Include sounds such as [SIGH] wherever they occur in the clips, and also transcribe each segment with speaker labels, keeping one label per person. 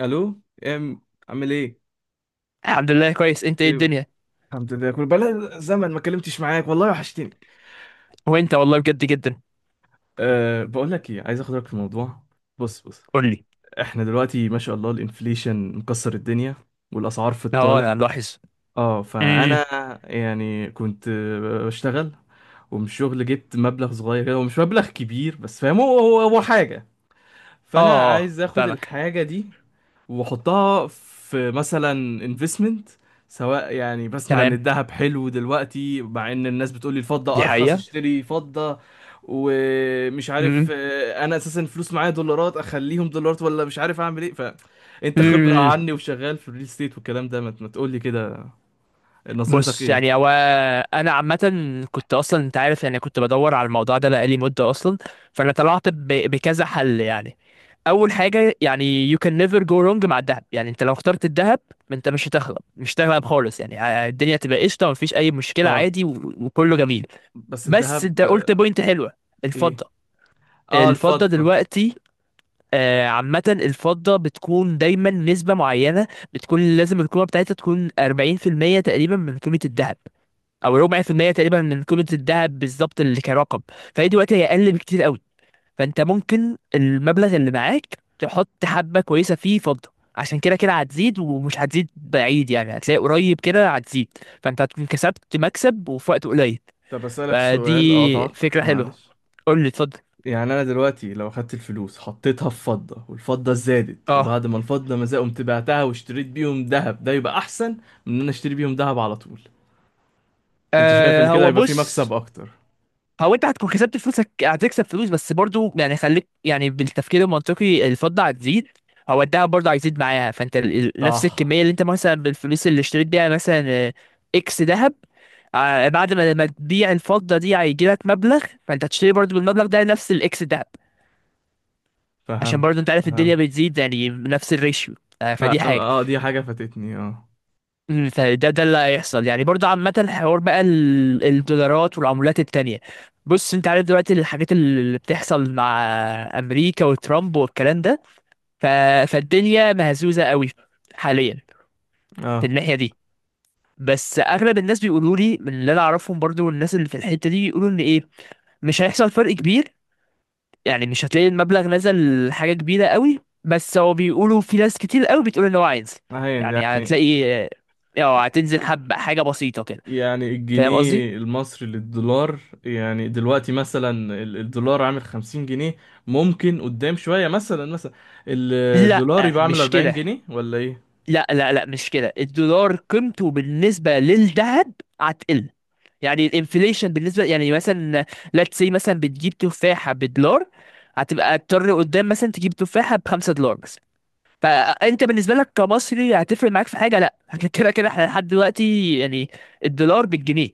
Speaker 1: الو، ام عامل ايه؟
Speaker 2: الحمد لله كويس، انت ايه
Speaker 1: طيب.
Speaker 2: الدنيا؟
Speaker 1: الحمد لله، كل بقى زمن ما كلمتش معاك، والله وحشتني.
Speaker 2: وانت والله بجد جدا.
Speaker 1: أه، بقول لك ايه، عايز اخد رايك في الموضوع. بص بص،
Speaker 2: قول لي.
Speaker 1: احنا دلوقتي ما شاء الله الانفليشن مكسر الدنيا، والاسعار في
Speaker 2: اه،
Speaker 1: الطالع.
Speaker 2: انا ملاحظ.
Speaker 1: اه
Speaker 2: امم.
Speaker 1: فانا، يعني كنت بشتغل، ومن الشغل جبت مبلغ صغير كده، ومش مبلغ كبير بس، فاهم هو حاجه.
Speaker 2: اه
Speaker 1: فانا
Speaker 2: اه،
Speaker 1: عايز اخد
Speaker 2: فاهمك.
Speaker 1: الحاجه دي واحطها في مثلا انفستمنت، سواء يعني بسمع ان
Speaker 2: تمام،
Speaker 1: الذهب حلو دلوقتي، مع ان الناس بتقولي الفضة
Speaker 2: دي
Speaker 1: ارخص،
Speaker 2: حقيقة.
Speaker 1: اشتري فضة. ومش
Speaker 2: امم.
Speaker 1: عارف. انا اساسا الفلوس معايا دولارات، اخليهم دولارات ولا مش عارف اعمل ايه. فانت خبرة
Speaker 2: امم.
Speaker 1: عني، وشغال في الريل ستيت والكلام ده، ما تقولي كده، نظرتك
Speaker 2: بص
Speaker 1: ايه؟
Speaker 2: يعني هو، انا عامة كنت اصلا، انت عارف يعني كنت بدور على الموضوع ده بقالي مدة اصلا. فانا طلعت بكذا حل يعني. اول حاجة يعني you can never go wrong مع الذهب. يعني انت لو اخترت الذهب، انت مش هتغلب، مش هتغلب خالص يعني. الدنيا تبقى قشطة، مفيش اي مشكلة
Speaker 1: طب
Speaker 2: عادي، وكله جميل.
Speaker 1: بس
Speaker 2: بس انت
Speaker 1: الذهب.
Speaker 2: قلت بوينت حلوة،
Speaker 1: ايه،
Speaker 2: الفضة.
Speaker 1: اه
Speaker 2: الفضة
Speaker 1: الفضة.
Speaker 2: دلوقتي، عامة الفضة بتكون دايما نسبة معينة، بتكون لازم القيمة بتاعتها تكون 40% تقريبا من قيمة الذهب، أو ربع في المية تقريبا من قيمة الذهب بالظبط اللي كرقم. فهي دلوقتي هي أقل بكتير قوي، فأنت ممكن المبلغ اللي معاك تحط حبة كويسة فيه فضة، عشان كده كده هتزيد، ومش هتزيد بعيد يعني، هتلاقي قريب كده هتزيد، فأنت هتكون كسبت مكسب وفي وقت قليل.
Speaker 1: طب اسألك سؤال،
Speaker 2: فدي
Speaker 1: اقطعك،
Speaker 2: فكرة حلوة.
Speaker 1: معلش.
Speaker 2: قول لي، اتفضل.
Speaker 1: يعني انا دلوقتي لو اخدت الفلوس حطيتها في فضة، والفضة زادت، وبعد ما الفضة ما زادت قمت بعتها واشتريت بيهم ذهب، ده يبقى احسن من ان انا اشتري بيهم ذهب على طول؟ انت شايف
Speaker 2: آه
Speaker 1: ان كده
Speaker 2: هو
Speaker 1: هيبقى في
Speaker 2: بص،
Speaker 1: مكسب اكتر؟
Speaker 2: هو انت هتكون كسبت فلوسك، هتكسب فلوس، بس برضو يعني خليك يعني بالتفكير المنطقي، الفضة هتزيد، هو الدهب برضه هيزيد معاها. فانت نفس
Speaker 1: صح.
Speaker 2: الكمية اللي انت مثلا بالفلوس اللي اشتريت بيها مثلا، اكس ذهب، بعد ما تبيع الفضة دي، هيجي لك مبلغ، فانت هتشتري برضه بالمبلغ ده نفس الاكس ذهب، عشان
Speaker 1: فهم،
Speaker 2: برضه انت عارف الدنيا
Speaker 1: فهم،
Speaker 2: بتزيد يعني نفس الريشيو. فدي
Speaker 1: فهم،
Speaker 2: حاجة.
Speaker 1: اه دي حاجة فاتتني، اه.
Speaker 2: فده اللي هيحصل يعني برضه. عامة الحوار بقى الدولارات والعملات التانية، بص انت عارف دلوقتي الحاجات اللي بتحصل مع امريكا وترامب والكلام ده، ف... فالدنيا مهزوزة قوي حاليا في
Speaker 1: اه
Speaker 2: الناحية دي. بس اغلب الناس بيقولوا لي من اللي انا اعرفهم برضه، والناس اللي في الحتة دي، بيقولوا ان ايه، مش هيحصل فرق كبير. يعني مش هتلاقي المبلغ نزل حاجة كبيرة قوي، بس هو بيقولوا في ناس كتير قوي بتقول ان هو هينزل. يعني
Speaker 1: يعني،
Speaker 2: هتلاقي اه هتنزل حبة، حاجة بسيطة كده.
Speaker 1: يعني
Speaker 2: فاهم قصدي؟
Speaker 1: الجنيه المصري للدولار، يعني دلوقتي مثلا الدولار عامل 50 جنيه، ممكن قدام شوية، مثلا مثلا
Speaker 2: لا،
Speaker 1: الدولار يبقى عامل
Speaker 2: مش
Speaker 1: 40
Speaker 2: كده.
Speaker 1: جنيه ولا ايه؟
Speaker 2: لا لا لا، مش كده. الدولار قيمته بالنسبة للذهب هتقل. يعني الانفليشن بالنسبة يعني مثلا، let's say مثلا بتجيب تفاحة بدولار، هتبقى تضطر قدام مثلا تجيب تفاحة بخمسة دولار مثلا. فانت بالنسبة لك كمصري هتفرق معاك في حاجة؟ لا [LAUGHS] كده كده احنا لحد دلوقتي يعني الدولار بالجنيه،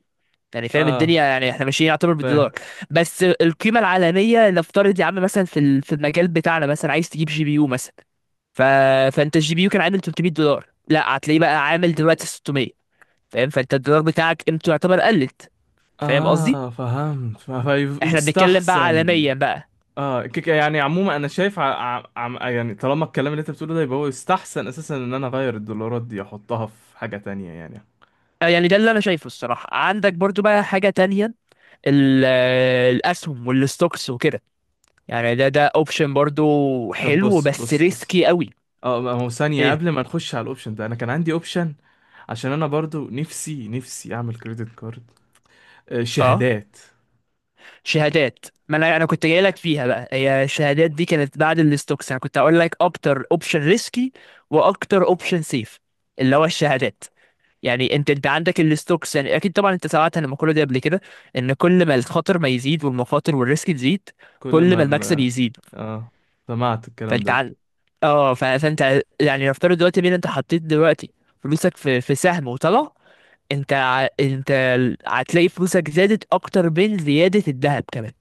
Speaker 2: يعني فاهم
Speaker 1: اه،
Speaker 2: الدنيا، يعني احنا ماشيين يعتبر
Speaker 1: فاهم.
Speaker 2: بالدولار. بس القيمة العالمية نفترض يا عم مثلا، في في المجال بتاعنا، مثلا عايز تجيب جي بي يو مثلا، ف... فانت الجي بي يو كان عامل 300 دولار، لا هتلاقيه بقى عامل دلوقتي 600. فاهم؟ فانت الدولار بتاعك قيمته يعتبر قلت. فاهم قصدي؟
Speaker 1: اه فهمت،
Speaker 2: احنا بنتكلم بقى
Speaker 1: فيستحسن.
Speaker 2: عالميا بقى.
Speaker 1: اه يعني عموما انا شايف، يعني طالما الكلام اللي انت بتقوله ده، يبقى هو يستحسن اساسا ان انا اغير الدولارات دي احطها في حاجة تانية يعني.
Speaker 2: يعني ده اللي انا شايفه الصراحه. عندك برضو بقى حاجه تانية، الاسهم والستوكس وكده، يعني ده ده اوبشن برضو
Speaker 1: طب
Speaker 2: حلو
Speaker 1: بص
Speaker 2: بس
Speaker 1: بص بص،
Speaker 2: ريسكي قوي.
Speaker 1: اه ما هو ثانية
Speaker 2: ايه؟
Speaker 1: قبل ما نخش على الاوبشن ده، انا كان عندي اوبشن، عشان انا برضو نفسي نفسي اعمل كريدت كارد، آه
Speaker 2: اه،
Speaker 1: شهادات.
Speaker 2: شهادات. ما انا كنت جاي لك فيها بقى. هي الشهادات دي كانت بعد الستوكس. انا كنت هقول لك اكتر اوبشن ريسكي واكتر اوبشن سيف، اللي هو الشهادات. يعني انت عندك الستوكس. يعني اكيد طبعا انت سمعت عن المقوله دي قبل كده، ان كل ما الخطر ما يزيد والمخاطر والريسك تزيد،
Speaker 1: كل
Speaker 2: كل
Speaker 1: ما
Speaker 2: ما
Speaker 1: ال...
Speaker 2: المكسب يزيد.
Speaker 1: اه، سمعت الكلام ده
Speaker 2: فانت
Speaker 1: قبل كده.
Speaker 2: فانت يعني نفترض دلوقتي، مين انت حطيت دلوقتي فلوسك في سهم وطلع، انت هتلاقي فلوسك زادت اكتر من زيادة الذهب كمان.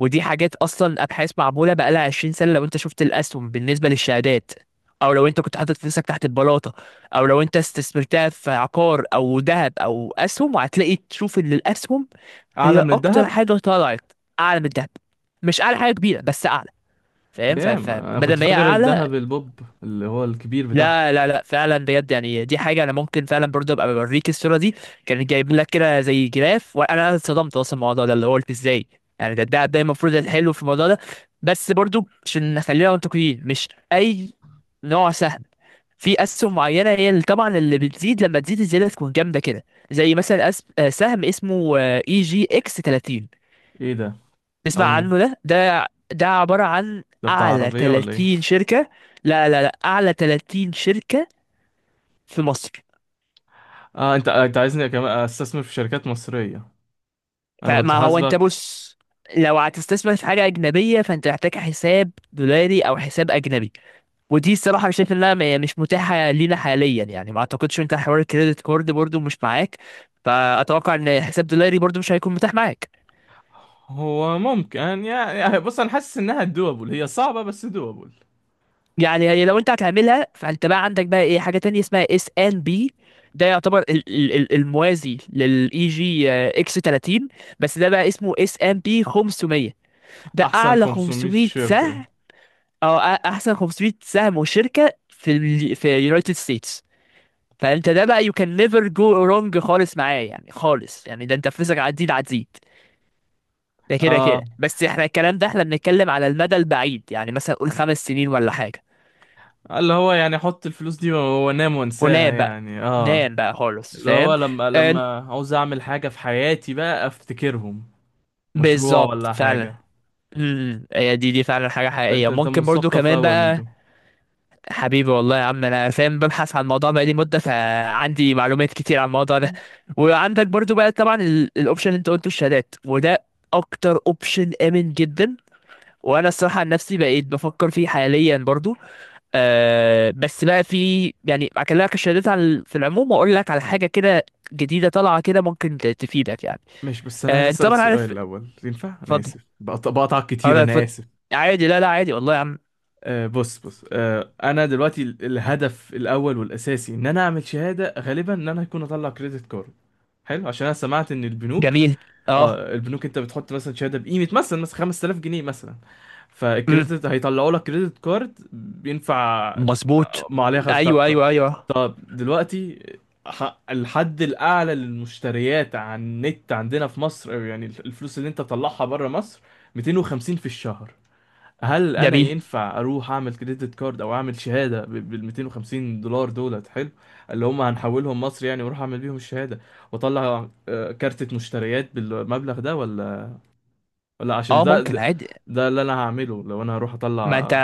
Speaker 2: ودي حاجات اصلا ابحاث معمولة بقالها 20 سنة، لو انت شفت الاسهم بالنسبة للشهادات، او لو انت كنت حاطط فلوسك تحت البلاطة، او لو انت استثمرتها في عقار او ذهب او اسهم، وهتلاقي تشوف ان الاسهم
Speaker 1: اعلى
Speaker 2: هي
Speaker 1: من
Speaker 2: اكتر
Speaker 1: الذهب؟
Speaker 2: حاجة طلعت، اعلى من الذهب، مش اعلى حاجة كبيرة بس اعلى. فاهم؟
Speaker 1: دام انا
Speaker 2: فبدل
Speaker 1: كنت
Speaker 2: ما هي
Speaker 1: فاكر
Speaker 2: اعلى.
Speaker 1: الذهب البوب اللي هو الكبير بتاعها.
Speaker 2: لا لا لا، فعلا بجد يعني دي حاجه انا ممكن فعلا برضه ابقى بوريك الصوره دي، كان جايب لك كده زي جراف وانا اتصدمت اصلا من الموضوع ده، اللي هو قلت ازاي يعني ده المفروض الحلو في الموضوع ده. بس برضه عشان نخلينا منطقيين، مش اي نوع سهم. في اسهم معينه هي اللي طبعا اللي بتزيد، لما تزيد الزياده تكون جامده كده، زي مثلا أس... آه، سهم اسمه اي جي اكس 30.
Speaker 1: ايه ده؟
Speaker 2: تسمع
Speaker 1: اول م-
Speaker 2: عنه؟ ده ده عباره عن
Speaker 1: ده بتاع
Speaker 2: اعلى
Speaker 1: عربية ولا ايه؟
Speaker 2: 30 شركه. لا لا لا، اعلى 30 شركه في مصر.
Speaker 1: اه، انت عايزني كمان استثمر في شركات مصرية، انا كنت
Speaker 2: فما هو انت
Speaker 1: حاسبك.
Speaker 2: بص، لو هتستثمر في حاجة أجنبية فأنت محتاج حساب دولاري أو حساب أجنبي، ودي الصراحة شايف إنها مش متاحة لينا حاليا يعني. ما أعتقدش، أنت حوار الكريدت كارد برضو مش معاك، فأتوقع إن حساب دولاري برضو مش هيكون متاح معاك.
Speaker 1: هو ممكن يعني، يعني بص انا حاسس انها دوبل، هي صعبة بس دوبل.
Speaker 2: يعني هي لو أنت هتعملها، فأنت بقى عندك بقى إيه، حاجة تانية اسمها اس ان بي. ده يعتبر الموازي للاي جي اكس 30، بس ده بقى اسمه اس ان بي 500. ده
Speaker 1: احسن
Speaker 2: أعلى
Speaker 1: 500
Speaker 2: 500
Speaker 1: شركة.
Speaker 2: سهم، او احسن 500 سهم وشركه في ال في يونايتد ستيتس. فانت ده بقى يو كان نيفر جو رونج خالص معاه يعني، خالص يعني، ده انت فلوسك عديد عديد، ده كده كده.
Speaker 1: اه،
Speaker 2: بس احنا الكلام ده احنا بنتكلم على المدى البعيد، يعني مثلا قول خمس سنين ولا حاجه.
Speaker 1: اللي هو يعني احط الفلوس دي وانام وانساها
Speaker 2: ونام بقى،
Speaker 1: يعني، اه.
Speaker 2: نام بقى خالص.
Speaker 1: اللي هو
Speaker 2: فاهم؟
Speaker 1: لما
Speaker 2: آه،
Speaker 1: عاوز اعمل حاجة في حياتي بقى افتكرهم، مشروع
Speaker 2: بالظبط،
Speaker 1: ولا
Speaker 2: فعلا.
Speaker 1: حاجة.
Speaker 2: امم، هي دي دي فعلا حاجه حقيقيه
Speaker 1: انت
Speaker 2: ممكن برضو
Speaker 1: مثقف
Speaker 2: كمان
Speaker 1: قوي يا
Speaker 2: بقى.
Speaker 1: ميدو.
Speaker 2: حبيبي، والله يا عم انا فاهم، ببحث عن الموضوع بقالي مده، فعندي معلومات كتير عن الموضوع ده. وعندك برضو بقى طبعا الاوبشن اللي انت قلته، الشهادات، وده اكتر اوبشن امن جدا، وانا الصراحه عن نفسي بقيت بفكر فيه حاليا برضو. آه بس بقى في يعني، اكلمك الشهادات على في العموم، واقول لك على حاجه كده جديده طالعه كده ممكن تفيدك يعني.
Speaker 1: ماشي، بس انا عايز
Speaker 2: آه انت
Speaker 1: اسال
Speaker 2: طبعا
Speaker 1: سؤال
Speaker 2: عارف،
Speaker 1: الاول، ينفع؟ انا
Speaker 2: اتفضل.
Speaker 1: اسف، بقطعك
Speaker 2: اه
Speaker 1: كتير،
Speaker 2: لا،
Speaker 1: انا
Speaker 2: اتفضل.
Speaker 1: اسف.
Speaker 2: عادي، لا لا، عادي والله يا عم.
Speaker 1: بص بص، انا دلوقتي الهدف الاول والاساسي ان انا اعمل شهاده، غالبا ان انا هكون اطلع كريدت كارد حلو، عشان انا سمعت ان البنوك،
Speaker 2: جميل. اه.
Speaker 1: اه البنوك انت بتحط مثلا شهاده بقيمه مثلا مثلا 5000 جنيه مثلا،
Speaker 2: امم،
Speaker 1: فالكريدت هيطلعوا لك كريدت كارد بينفع
Speaker 2: مظبوط.
Speaker 1: ما عليها خمس. طب
Speaker 2: ايوه
Speaker 1: طب،
Speaker 2: ايوه ايوه.
Speaker 1: طب دلوقتي، الحد الاعلى للمشتريات على النت عندنا في مصر، أو يعني الفلوس اللي انت تطلعها بره مصر، 250 في الشهر. هل انا
Speaker 2: جميل.
Speaker 1: ينفع اروح اعمل كريدت كارد او اعمل شهاده بال 250 دولار دولت حلو، اللي هم هنحولهم مصر يعني، واروح اعمل بيهم الشهاده، واطلع كارتة مشتريات بالمبلغ ده؟ ولا عشان
Speaker 2: اه،
Speaker 1: ده
Speaker 2: ممكن
Speaker 1: ده
Speaker 2: عادي.
Speaker 1: ده اللي انا هعمله لو انا هروح
Speaker 2: ما انت،
Speaker 1: اطلع،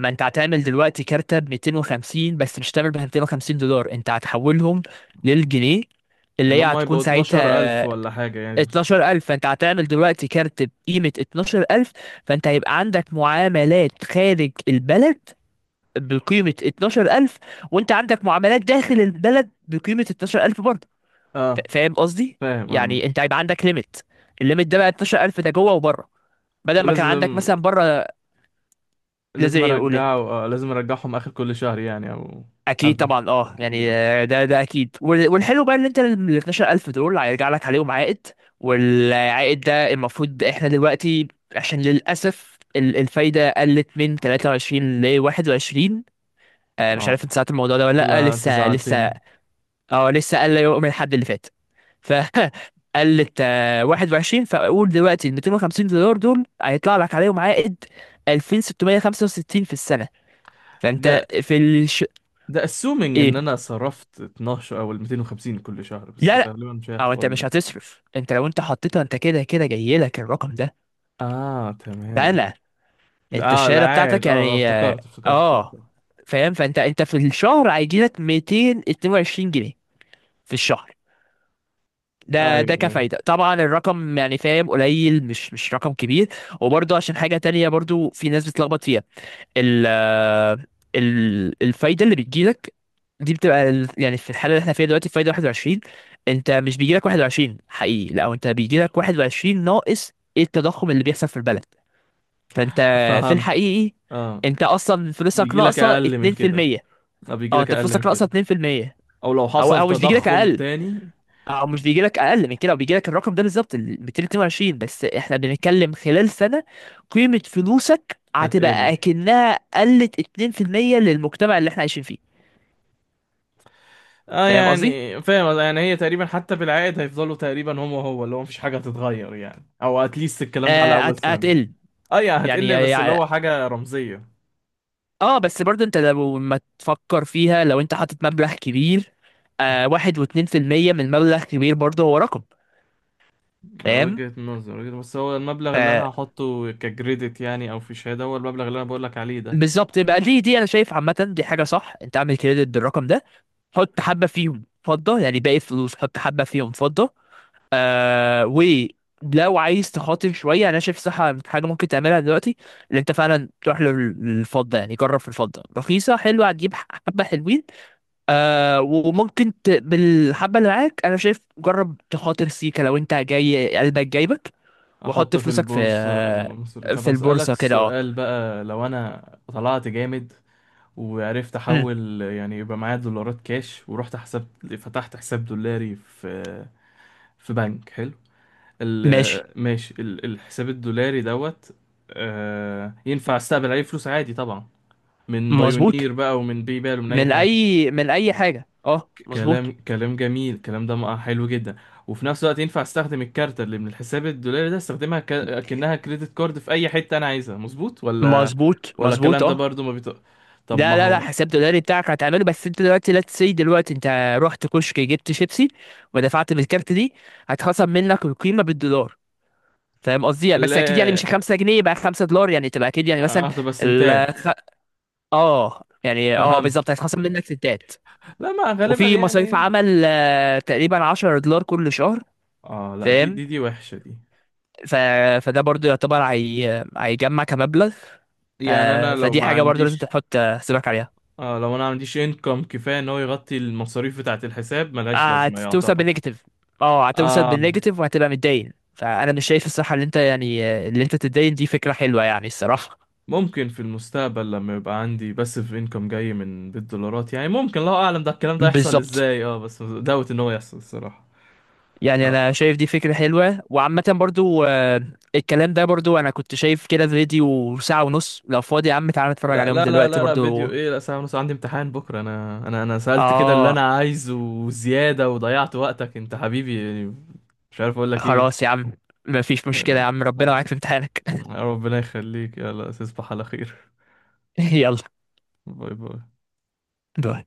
Speaker 2: ما انت هتعمل دلوقتي كارتة ب 250، بس مش هتعمل ب 250 دولار، انت هتحولهم للجنيه، اللي
Speaker 1: اللي
Speaker 2: هي
Speaker 1: هم
Speaker 2: هتكون
Speaker 1: يبقوا 12000
Speaker 2: ساعتها
Speaker 1: ولا حاجه يعني.
Speaker 2: 12,000. فانت هتعمل دلوقتي كارت بقيمة 12,000، فانت هيبقى عندك معاملات خارج البلد بقيمة 12,000، وانت عندك معاملات داخل البلد بقيمة 12,000 برضه.
Speaker 1: اه
Speaker 2: فاهم قصدي؟
Speaker 1: فاهم، اه.
Speaker 2: يعني انت هيبقى عندك ليميت، الليميت ده بقى 12,000، ده جوه وبره، بدل ما كان عندك
Speaker 1: ولازم
Speaker 2: مثلا بره. لازم
Speaker 1: لازم
Speaker 2: يقول ايه؟
Speaker 1: ارجعه آه لازم ارجعهم اخر كل شهر يعني، او
Speaker 2: اكيد
Speaker 1: قبل،
Speaker 2: طبعا اه
Speaker 1: اكيد،
Speaker 2: يعني،
Speaker 1: اه.
Speaker 2: ده ده اكيد. والحلو بقى ان انت ال 12,000 دول هيرجع لك عليهم عائد. والعائد ده المفروض احنا دلوقتي، عشان للاسف الفايده قلت من 23 ل 21. مش عارف انت
Speaker 1: آه.
Speaker 2: ساعات الموضوع ده ولا لا
Speaker 1: لا، انت
Speaker 2: لسه لسه.
Speaker 1: زعلتني.
Speaker 2: اه لسه، قال لا يؤمن الحد اللي فات، ف [LAUGHS] قلت 21. فاقول دلوقتي ال 250 دولار دول هيطلع لك عليهم عائد 2665 في السنه. فانت
Speaker 1: ده
Speaker 2: في
Speaker 1: ده assuming
Speaker 2: إيه؟
Speaker 1: ان انا صرفت 12 او ال 250 كل شهر، بس ده
Speaker 2: لا،
Speaker 1: غالبا مش
Speaker 2: او
Speaker 1: هيحصل
Speaker 2: انت
Speaker 1: ولا
Speaker 2: مش
Speaker 1: ايه؟
Speaker 2: هتصرف. انت لو انت حطيتها، انت كده كده جاي لك الرقم ده.
Speaker 1: اه تمام.
Speaker 2: فانا، انت
Speaker 1: اه
Speaker 2: الشهاده
Speaker 1: العائد،
Speaker 2: بتاعتك
Speaker 1: اه،
Speaker 2: يعني اه،
Speaker 1: افتكرت افتكرت، صح
Speaker 2: آه،
Speaker 1: صح.
Speaker 2: فاهم. فانت انت في الشهر هيجي لك 222 جنيه في الشهر.
Speaker 1: ايوه
Speaker 2: ده ده
Speaker 1: ايوه.
Speaker 2: كفايده طبعا، الرقم يعني فاهم قليل، مش مش رقم كبير. وبرضه عشان حاجه تانية برضه في ناس بتلخبط فيها، ال آه، الفايده اللي بتجيلك دي بتبقى يعني في الحاله اللي احنا فيها دلوقتي فايده 21، انت مش بيجي لك 21 حقيقي، لا انت بيجي لك 21 ناقص ايه، التضخم اللي بيحصل في البلد. فانت في
Speaker 1: فهمت.
Speaker 2: الحقيقي
Speaker 1: اه
Speaker 2: انت اصلا فلوسك
Speaker 1: بيجي لك
Speaker 2: ناقصه
Speaker 1: اقل من كده
Speaker 2: 2%.
Speaker 1: اه بيجي
Speaker 2: اه،
Speaker 1: لك
Speaker 2: انت
Speaker 1: اقل من
Speaker 2: فلوسك ناقصه
Speaker 1: كده،
Speaker 2: 2%،
Speaker 1: او لو
Speaker 2: او
Speaker 1: حصل
Speaker 2: او مش بيجي لك
Speaker 1: تضخم
Speaker 2: اقل،
Speaker 1: تاني.
Speaker 2: او مش بيجي لك اقل من كده، وبيجي لك الرقم ده بالظبط، ال 222. بس احنا بنتكلم خلال سنه، قيمه فلوسك
Speaker 1: هتقل،
Speaker 2: هتبقى اكنها قلت 2% للمجتمع اللي احنا عايشين فيه.
Speaker 1: اه
Speaker 2: فاهم قصدي؟
Speaker 1: يعني فاهم، يعني هي تقريبا حتى بالعائد هيفضلوا تقريبا هم، هو اللي هو مفيش حاجة هتتغير يعني، او اتليست الكلام ده على اول سنة.
Speaker 2: هتقل.
Speaker 1: اه يعني
Speaker 2: يعني,
Speaker 1: هتقل بس اللي
Speaker 2: يعني
Speaker 1: هو حاجة رمزية.
Speaker 2: اه، بس برضه انت لو ما تفكر فيها، لو انت حاطط مبلغ كبير، آه واحد واتنين في المية من مبلغ كبير برضه هو رقم. فاهم؟
Speaker 1: وجهة نظر، بس هو المبلغ اللي انا هحطه ككريدت يعني، او في شهادة، هو المبلغ اللي انا بقولك عليه ده.
Speaker 2: فبالظبط. يبقى دي دي انا شايف عامة دي حاجة صح، انت اعمل كريدت بالرقم ده، حط حبة فيهم فضة، يعني باقي الفلوس حط حبة فيهم فضة. آه ولو عايز تخاطر شوية، انا شايف صح حاجة ممكن تعملها دلوقتي، اللي انت فعلا تروح للفضة، يعني جرب في الفضة رخيصة حلوة، هتجيب حبة حلوين. آه وممكن بالحبة اللي معاك أنا شايف جرب تخاطر سيكا لو أنت جاي قلبك جايبك، وحط
Speaker 1: احطه في
Speaker 2: فلوسك في
Speaker 1: البورصة المصرية. طب
Speaker 2: في
Speaker 1: هسألك
Speaker 2: البورصة كده، أه.
Speaker 1: سؤال بقى، لو انا طلعت جامد وعرفت
Speaker 2: أمم،
Speaker 1: احول يعني، يبقى معايا دولارات كاش ورحت حساب، فتحت حساب دولاري في بنك حلو،
Speaker 2: ماشي.
Speaker 1: ماشي، الحساب الدولاري دوت، ينفع استقبل عليه فلوس عادي طبعا، من
Speaker 2: مظبوط.
Speaker 1: بايونير بقى، ومن باي بال، ومن اي
Speaker 2: من
Speaker 1: حاجة.
Speaker 2: أي، من أي حاجة أه،
Speaker 1: كلام
Speaker 2: مظبوط.
Speaker 1: كلام جميل، الكلام ده حلو جدا، وفي نفس الوقت ينفع استخدم الكارت اللي من الحساب الدولاري ده، استخدمها كأنها كريدت كارد في اي حتة انا عايزها، مظبوط ولا؟
Speaker 2: مظبوط،
Speaker 1: ولا
Speaker 2: مظبوط
Speaker 1: الكلام ده
Speaker 2: أه.
Speaker 1: برضو ما بيط... طب ما
Speaker 2: لا لا لا،
Speaker 1: هو،
Speaker 2: حساب دولاري بتاعك هتعمله، بس أنت دلوقتي لا تسي دلوقتي أنت رحت كشك جبت شيبسي ودفعت بالكارت دي، هتخصم منك القيمة بالدولار. فاهم قصدي؟ يعني بس أكيد يعني
Speaker 1: لا،
Speaker 2: مش 5 جنيه بقى 5 دولار يعني، تبقى أكيد يعني مثلا.
Speaker 1: اه طب سنتات.
Speaker 2: اه، يعني اه
Speaker 1: فهمت.
Speaker 2: بالظبط، هيتخصم منك ستات.
Speaker 1: لا، ما غالبا
Speaker 2: وفي مصاريف
Speaker 1: يعني.
Speaker 2: عمل تقريبا 10 دولار كل شهر.
Speaker 1: اه لا، دي
Speaker 2: فاهم؟
Speaker 1: دي دي وحشة دي.
Speaker 2: ف... فده برضو يعتبر هيجمع كمبلغ. ف...
Speaker 1: يعني انا لو
Speaker 2: فدي
Speaker 1: ما
Speaker 2: حاجة برضو لازم
Speaker 1: عنديش،
Speaker 2: تحط حسابك عليها،
Speaker 1: اه لو انا ما عنديش انكم كفاية ان هو يغطي المصاريف بتاعة الحساب ملهاش لازمة
Speaker 2: هتوصل
Speaker 1: يعتبر.
Speaker 2: بالنيجاتيف. اه، هتوصل
Speaker 1: اه
Speaker 2: بالنيجاتيف وهتبقى متدين، فأنا مش شايف الصراحة اللي انت يعني اللي انت تتدين دي فكرة حلوة يعني، الصراحة.
Speaker 1: ممكن في المستقبل لما يبقى عندي باسيف انكم جاي من بالدولارات يعني، ممكن، الله اعلم ده الكلام ده يحصل
Speaker 2: بالظبط.
Speaker 1: ازاي، اه بس دوت ان هو يحصل الصراحه.
Speaker 2: يعني
Speaker 1: آه،
Speaker 2: انا شايف دي فكرة حلوة، وعامة برضو الكلام ده برضو انا كنت شايف كده فيديو ساعة ونص، لو فاضي يا عم تعالى نتفرج
Speaker 1: لا
Speaker 2: عليهم
Speaker 1: لا لا
Speaker 2: دلوقتي
Speaker 1: لا لا، فيديو
Speaker 2: برضو.
Speaker 1: ايه، لا ساعه ونص، عندي امتحان بكره، انا سالت كده اللي انا
Speaker 2: اه،
Speaker 1: عايزه وزياده، وضيعت وقتك انت حبيبي يعني، مش عارف اقول لك ايه.
Speaker 2: خلاص يا عم، مفيش مشكلة يا
Speaker 1: آه،
Speaker 2: عم، ربنا معاك
Speaker 1: حبيبي،
Speaker 2: في امتحانك.
Speaker 1: ربنا يخليك، يلا تصبح على خير.
Speaker 2: [LAUGHS] يلا،
Speaker 1: باي باي.
Speaker 2: باي.